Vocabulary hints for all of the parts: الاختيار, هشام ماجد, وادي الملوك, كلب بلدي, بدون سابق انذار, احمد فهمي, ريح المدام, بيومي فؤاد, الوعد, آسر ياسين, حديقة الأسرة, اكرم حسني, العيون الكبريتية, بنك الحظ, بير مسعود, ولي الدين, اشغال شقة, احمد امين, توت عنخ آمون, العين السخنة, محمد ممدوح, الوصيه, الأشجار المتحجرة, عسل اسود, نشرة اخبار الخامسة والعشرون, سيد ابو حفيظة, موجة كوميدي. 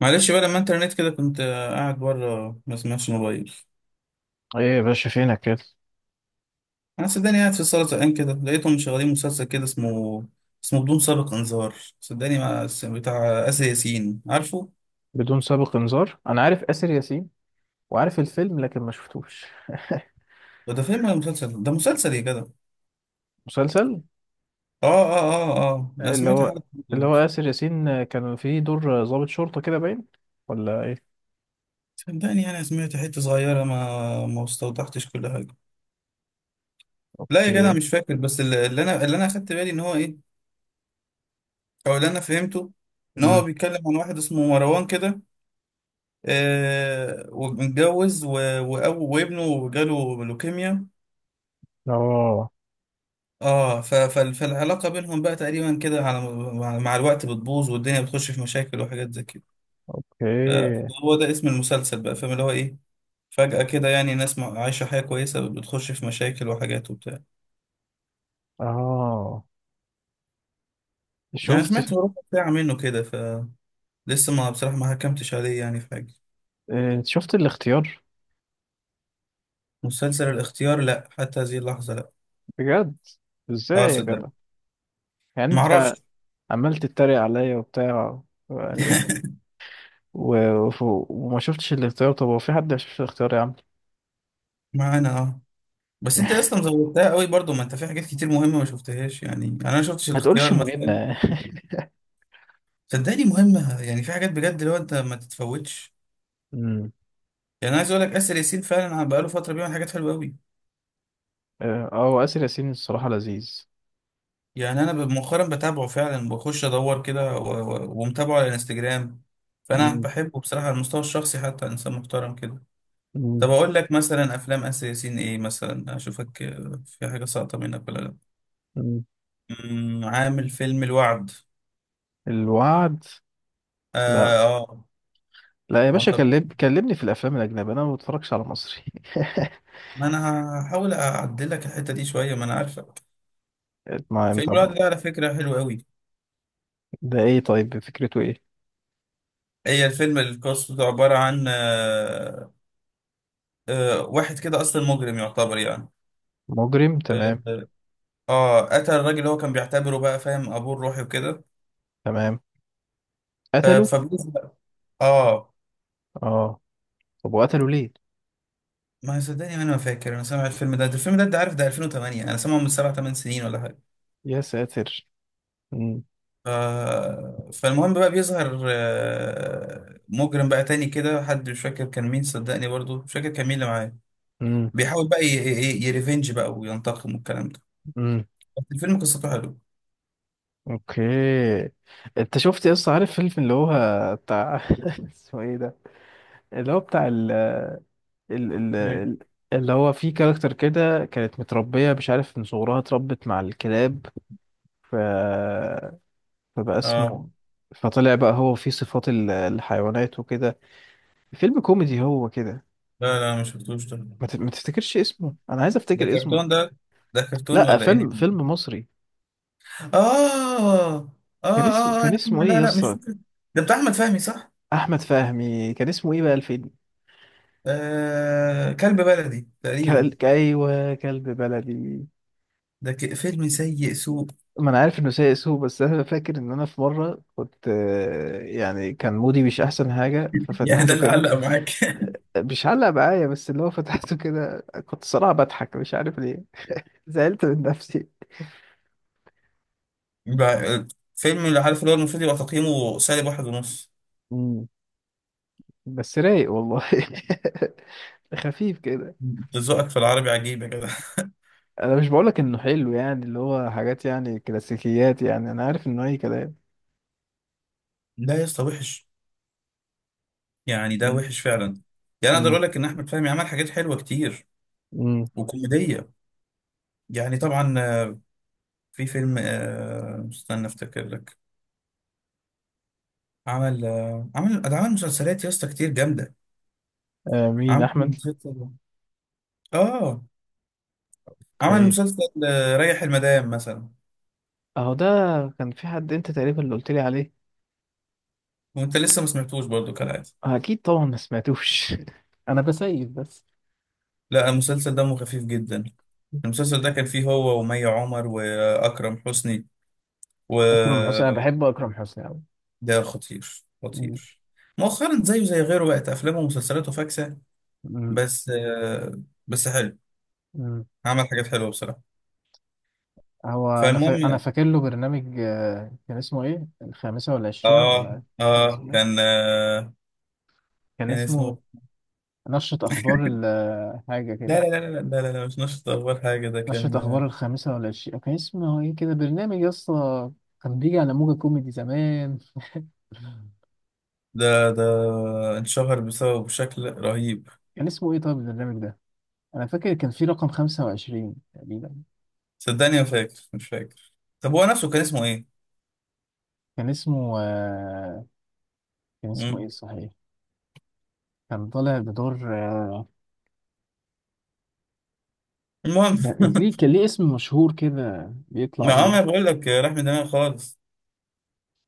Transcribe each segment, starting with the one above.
معلش بقى لما انت رنيت كده كنت قاعد بره، ما سمعتش الموبايل. ايه يا باشا فينك كده؟ انا صدقني قاعد في الصاله زهقان كده، لقيتهم مشغلين مسلسل كده اسمه بدون سابق انذار. صدقني ما بتاع آسر ياسين، عارفه؟ بدون سابق انذار، انا عارف آسر ياسين وعارف الفيلم لكن ما شفتوش. ده فيلم ولا مسلسل؟ ده مسلسل يا جدع. مسلسل. اه انا اللي سمعت هو حلقه اللي هو دلوقتي. آسر ياسين كان فيه دور ضابط شرطة كده باين، ولا ايه؟ صدقني انا سمعت حته صغيره، ما استوضحتش كل حاجه. لا يا جدع، ايه. مش فاكر. بس اللي انا اخدت بالي ان هو ايه، او اللي انا فهمته، ان هو امم. بيتكلم عن واحد اسمه مروان كده. ومتجوز وابنه جاله لوكيميا. اه. فالعلاقة بينهم بقى تقريبا كده، على مع الوقت بتبوظ، والدنيا بتخش في مشاكل وحاجات زي كده. آه، اوكي. هو ده اسم المسلسل بقى، فاهم اللي هو ايه؟ فجأة كده يعني، ناس عايشة حياة كويسة بتخش في مشاكل وحاجات وبتاع. اه. يعني شفت. سمعت ربع ساعة منه كده، فلسه ما بصراحة ما حكمتش عليه يعني في حاجة. إيه، شفت الاختيار؟ مسلسل الاختيار، لا حتى هذه اللحظة لا. بجد؟ ازاي اه يا صدق. جدع؟ يعني انت معرفش. عمال تتريق عليا وبتاع؟ يعني و... و... وما شفتش الاختيار. طب هو في حد ما شافش الاختيار يا عم؟ معانا اه. بس انت يا اسطى مزودتها قوي برضو، ما انت في حاجات كتير مهمه ما شفتهاش، يعني انا ما شفتش ما الاختيار تقولش مثلا. مهمة. صدقني مهمه، يعني في حاجات بجد اللي هو انت ما تتفوتش. يعني انا عايز اقول لك، اسر ياسين فعلا أنا بقاله فتره بيعمل حاجات حلوه قوي. هو آسر ياسين الصراحة لذيذ. يعني انا مؤخرا بتابعه فعلا، بخش ادور كده ومتابعه على الانستجرام. فانا مم. بحبه بصراحه على المستوى الشخصي، حتى انسان محترم كده. طب مم. اقول لك مثلا افلام اسر ياسين ايه مثلا، اشوفك في حاجه ساقطه منك ولا لا؟ مم. عامل فيلم الوعد. الوعد. لا. اه, آه. لا يا ما باشا، كلمني في الافلام الاجنبيه، انا ما بتفرجش على مصري. ما انا هحاول اعدل لك الحته دي شويه، ما انا عارفك. ما يعني، فيلم الوقت طب. ده على فكره حلو قوي. ده ايه، طيب فكرته ايه؟ هي الفيلم القصه بتاعه عباره عن واحد كده اصلا مجرم يعتبر يعني. مجرم تمام. اه قتل الراجل اللي هو كان بيعتبره بقى، فاهم، ابوه الروحي وكده. تمام. قتلوا. فبيسبق. اه. اه. طب وقتلوا ليه؟ ما صدقني، ما انا ما فاكر، انا سامع الفيلم ده الفيلم ده، انت عارف، ده 2008، انا سامعه من سبع ثمان سنين ولا حاجه. يا ساتر. امم. ف... فالمهم بقى، بيظهر مجرم بقى تاني كده، حد مش فاكر كان مين، صدقني برضو مش فاكر كان مين اللي معاه. امم. بيحاول بقى يريفنج بقى، وينتقم والكلام ده. امم. بس الفيلم قصته حلوه. اوكي. انت شفت يا اسطى عارف فيلم اللي هو بتاع اسمه ايه ده؟ اللي هو بتاع ال ال ايه. ال- اللي هو في كاركتر كده كانت متربية، مش عارف من صغرها اتربت مع الكلاب. ف... فبقى اه، اسمه، فطلع بقى هو فيه صفات الحيوانات وكده. فيلم كوميدي هو كده؟ لا لا، ما شفتوش ده. ما تفتكرش اسمه، انا عايز ده افتكر اسمه. كرتون ده كرتون لا، ولا فيلم انمي؟ فيلم مصري. اه اه كان اسمه يا كان عم اسمه ايه لا يا لا، مش اسطى؟ فاكر. ده بتاع احمد فهمي، صح؟ احمد فهمي كان اسمه ايه بقى الفيلم؟ كلب بلدي تقريبا. ايوه، كلب بلدي. ده فيلم سيء سوء. ما انا عارف انه سيء سوء، بس انا فاكر ان انا في مره كنت، يعني كان مودي مش احسن حاجه يعني ده ففتحته اللي كده. علق معاك؟ مش علق معايا، بس اللي هو فتحته كده كنت صراحه بضحك مش عارف ليه. زعلت من نفسي. بقى- فيلم اللي عارف اللي هو المفروض يبقى تقييمه سالب واحد ونص. مم. بس رايق والله. خفيف كده. أنت ذوقك في العربي عجيب يا جدع. انا مش بقولك انه حلو، يعني اللي هو حاجات يعني كلاسيكيات، يعني انا عارف انه اي كلام. لا يا اسطى وحش، يعني ده مم. وحش فعلا. يعني اقدر مم. اقول لك ان احمد فهمي عمل حاجات حلوه كتير مم. وكوميديه. يعني طبعا، في فيلم، استنى افتكر لك. عمل آه، عمل ده عمل مسلسلات يا اسطى كتير جامده. مين عمل احمد؟ مسلسل اه عمل اوكي. مسلسل ريح المدام مثلا. اهو ده. كان في حد انت تقريبا اللي قلت لي عليه. وانت لسه ما سمعتوش برضو كالعاده. اكيد طبعا ما سمعتوش. انا بسيف بس. لا، المسلسل دمه خفيف جدا. المسلسل ده كان فيه هو ومي عمر واكرم حسني. اكرم حسني، انا وده بحب اكرم حسني قوي. خطير مم. خطير. مؤخرا زيه زي غيره بقت افلامه ومسلسلاته فاكسه، مم. بس آه، بس حلو. مم. عمل حاجات حلوه بصراحه. هو انا فالمهم. فاكر له برنامج، كان اسمه ايه، الخامسة والعشرين اه ولا إيه؟ كان اه اسمه كان ايه؟ آه كان كان اسمه. اسمه نشرة اخبار حاجة لا كده. لا لا لا لا لا, لا مش نشط اول حاجه ده نشرة كان. اخبار الخامسة والعشرين، كان اسمه ايه كده برنامج يا اسطى؟ كان بيجي على موجة كوميدي زمان. ده اتشهر بسبب، بشكل رهيب. كان اسمه ايه طيب البرنامج ده؟ انا فاكر كان في رقم 25 تقريبا. صدقني ما فاكر، مش فاكر. طب هو نفسه كان اسمه ايه؟ كان اسمه كان اسمه ايه مم. صحيح؟ كان طالع بدور المهم، كان ليه اسم مشهور كده بيطلع ما بيه. عمري بقول لك، راح من دماغي خالص.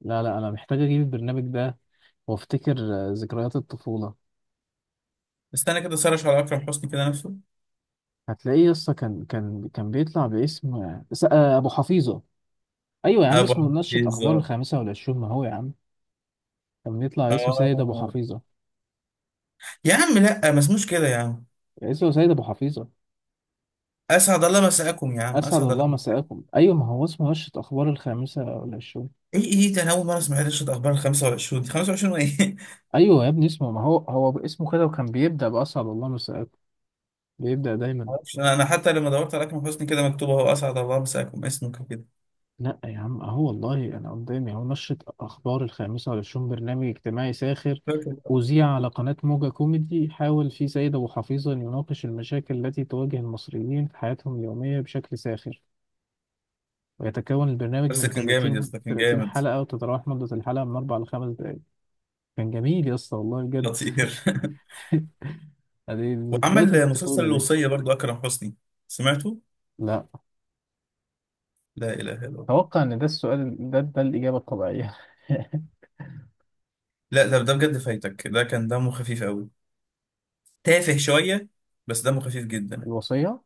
لا لا، انا محتاج اجيب البرنامج ده وافتكر ذكريات الطفوله. استنى كده سرش على اكرم حسني كده نفسه. هتلاقيه يسطا، كان بيطلع باسم ابو حفيظه. ايوه يا عم، ابو اسمه نشرة حفيظ؟ اخبار الخامسه والعشرون، ما هو يا عم. كان بيطلع اسم سيد ابو اه. حفيظه. يا عم لا، ما اسموش كده يا عم. اسمه سيد ابو حفيظه. اسعد الله مساءكم يا عم، اسعد اسعد الله الله. مساءكم، ايوه ما هو اسمه نشرة اخبار الخامسه والعشرون. ايه ده؟ انا اول مره اسمع رشة اخبار ال 25 دي، 25 وايه؟ ايوه يا ابني اسمه، ما هو هو اسمه كده، وكان بيبدا باسعد الله مساءكم. بيبدا دايما. معرفش أنا حتى لما دورت على اكرم حسني كده، مكتوب اهو اسعد الله مساكم اسمك كده. لا يا عم، اهو والله انا قدامي اهو: نشرة اخبار الخامسة والعشرون، برنامج اجتماعي ساخر فاكر بقى. اذيع على قناة موجة كوميدي، حاول فيه سيد ابو حفيظة أن يناقش المشاكل التي تواجه المصريين في حياتهم اليومية بشكل ساخر، ويتكون البرنامج بس من كان جامد يا 30 اسطى، كان 30 جامد. حلقة، وتتراوح مدة الحلقة من 4 ل 5 دقائق. كان جميل يا اسطى والله بجد. خطير. دي ذكريات وعمل مسلسل الطفولة دي. الوصيه برضو اكرم حسني، سمعته؟ لا. لا اله الا الله. اتوقع ان ده السؤال، ده الإجابة الطبيعية. لا ده بجد فايتك، ده كان دمه خفيف قوي. تافه شويه، بس دمه خفيف جدا. الوصية.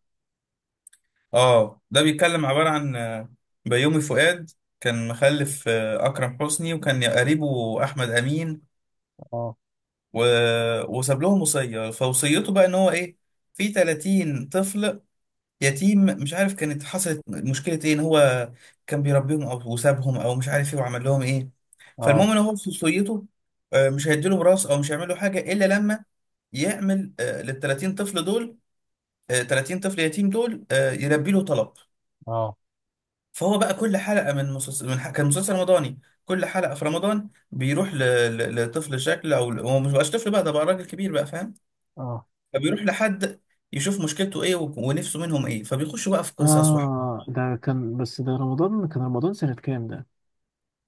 اه، ده بيتكلم، عباره عن بيومي فؤاد. كان مخلف اكرم حسني، وكان قريبه احمد امين. اه. و... وساب لهم وصية، فوصيته بقى ان هو ايه. في 30 طفل يتيم، مش عارف كانت حصلت مشكلة ايه، ان هو كان بيربيهم او وسابهم او مش عارف ايه، وعمل لهم ايه. اه. فالمهم ان هو في وصيته مش هيديلهم راس، او مش هيعمل له حاجة الا لما يعمل لل 30 طفل دول، 30 طفل يتيم دول يلبي له طلب. اه. فهو بقى كل حلقة من مسلسل، كان مسلسل رمضاني. كل حلقة في رمضان بيروح لطفل شكل، او هو مش بقاش طفل بقى، ده بقى راجل كبير بقى، فاهم. اه. فبيروح لحد يشوف مشكلته ايه ونفسه منهم ايه، فبيخشوا بقى في قصص وحوار. آه، ده كان، بس ده رمضان، كان رمضان سنة كام ده؟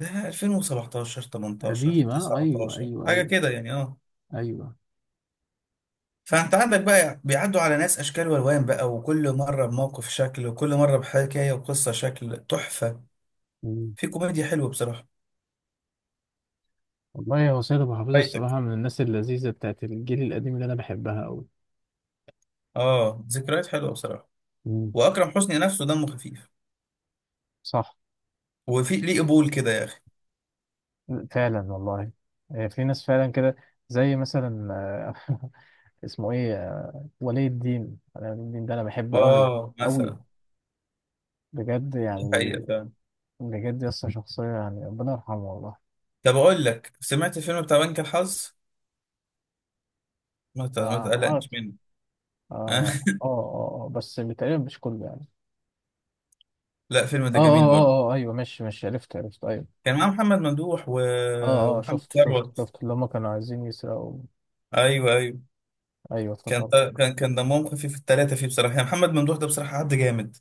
ده 2017 18 قديم. أيوه، 19 أيوه، حاجه أيوه. كده يعني، اه. أيوه. فانت عندك بقى يعني، بيعدوا على ناس اشكال والوان بقى، وكل مره بموقف شكل، وكل مره بحكايه وقصه شكل تحفه. مم. في كوميديا حلوه بصراحه. والله هو سيد أبو حفيظ فايتك. الصراحة من الناس اللذيذة بتاعت الجيل القديم اللي أنا بحبها أوي. اه، ذكريات حلوه بصراحه. مم. واكرم حسني نفسه دمه خفيف. صح. وفي ليه قبول كده يا اخي. فعلا والله. في ناس فعلا كده، زي مثلا آه، اسمه ايه ولي الدين. أنا ولي الدين ده انا بحبه قوي اه قوي. مثلا. بجد دي يعني. حقيقه فعلا. بجد يسطا، شخصية يعني ربنا يرحمه والله. طب اقول لك، سمعت الفيلم بتاع بنك الحظ؟ ما تقلقنيش عارف. منه. اه. اه. اه. بس تقريبا مش كله يعني. لا، فيلم اه. ده جميل اه. اه. برضه. اه. اه، ايوه ماشي ماشي عرفت عرفت ايوه. كان معاه محمد ممدوح اه. اه. اه، ومحمد شفت شفت ثروت. شفت اللي هما كانوا عايزين يسرقوا. ايوه، ايوه. ايوه كان افتكرت. كان دمهم خفيف الثلاثه فيه بصراحه. يعني محمد ممدوح ده بصراحه حد جامد،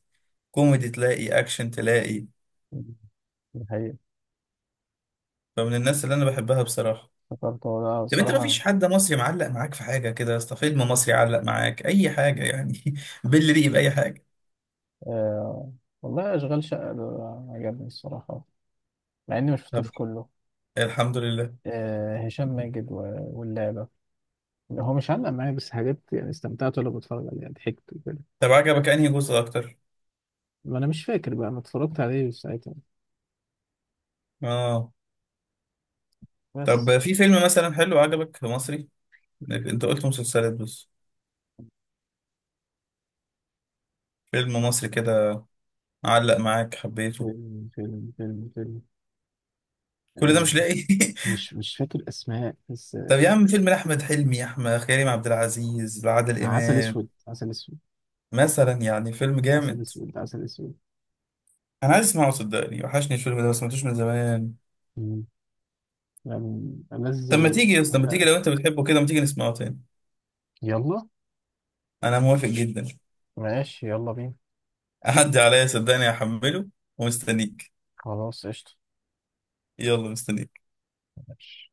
كوميدي تلاقي، اكشن تلاقي. دي حقيقة. فمن الناس اللي انا بحبها بصراحه. افتكرت هو ده طب انت، ما فيش الصراحة. حد مصري معلق معاك في حاجه كده يا اسطى؟ فيلم مصري علق معاك اي حاجه يعني؟ باللي ريق، باي حاجه. آه والله، اشغال شقة ده عجبني الصراحة، مع اني طب، مشفتوش كله. الحمد لله. آه، هشام ماجد واللعبة. هو مش علق معايا بس حاجات، يعني استمتعت وانا بتفرج عليها ضحكت وكده. طب عجبك انهي جزء اكتر؟ ما انا مش فاكر بقى، انا اتفرجت عليه ساعتها اه. بس. طب في فيلم مثلا حلو عجبك مصري؟ انت قلت مسلسلات بس. فيلم مصري كده علق معاك، حبيته. فيلم. كل ده آه مش لاقي؟ مش فاكر اسماء بس. طب يا عم فيلم لأحمد حلمي، أحمد، كريم عبد العزيز، لعادل عسل إمام اسود، عسل اسود، مثلا، يعني فيلم عسل جامد. اسود، عسل اسود. أنا عايز أسمعه صدقني، وحشني الفيلم ده، ما سمعتوش من زمان. مم. يعني ألذ طب ما تيجي يا اسطى، ما وأحلى تيجي الأفلام. لو أنت بتحبه كده، ما تيجي نسمعه تاني. يلا. أنا موافق جدا. ماشي، يلا بينا. أعدي عليا صدقني، هحمله ومستنيك. خلاص قشطة. يلا مستنيك. ماشي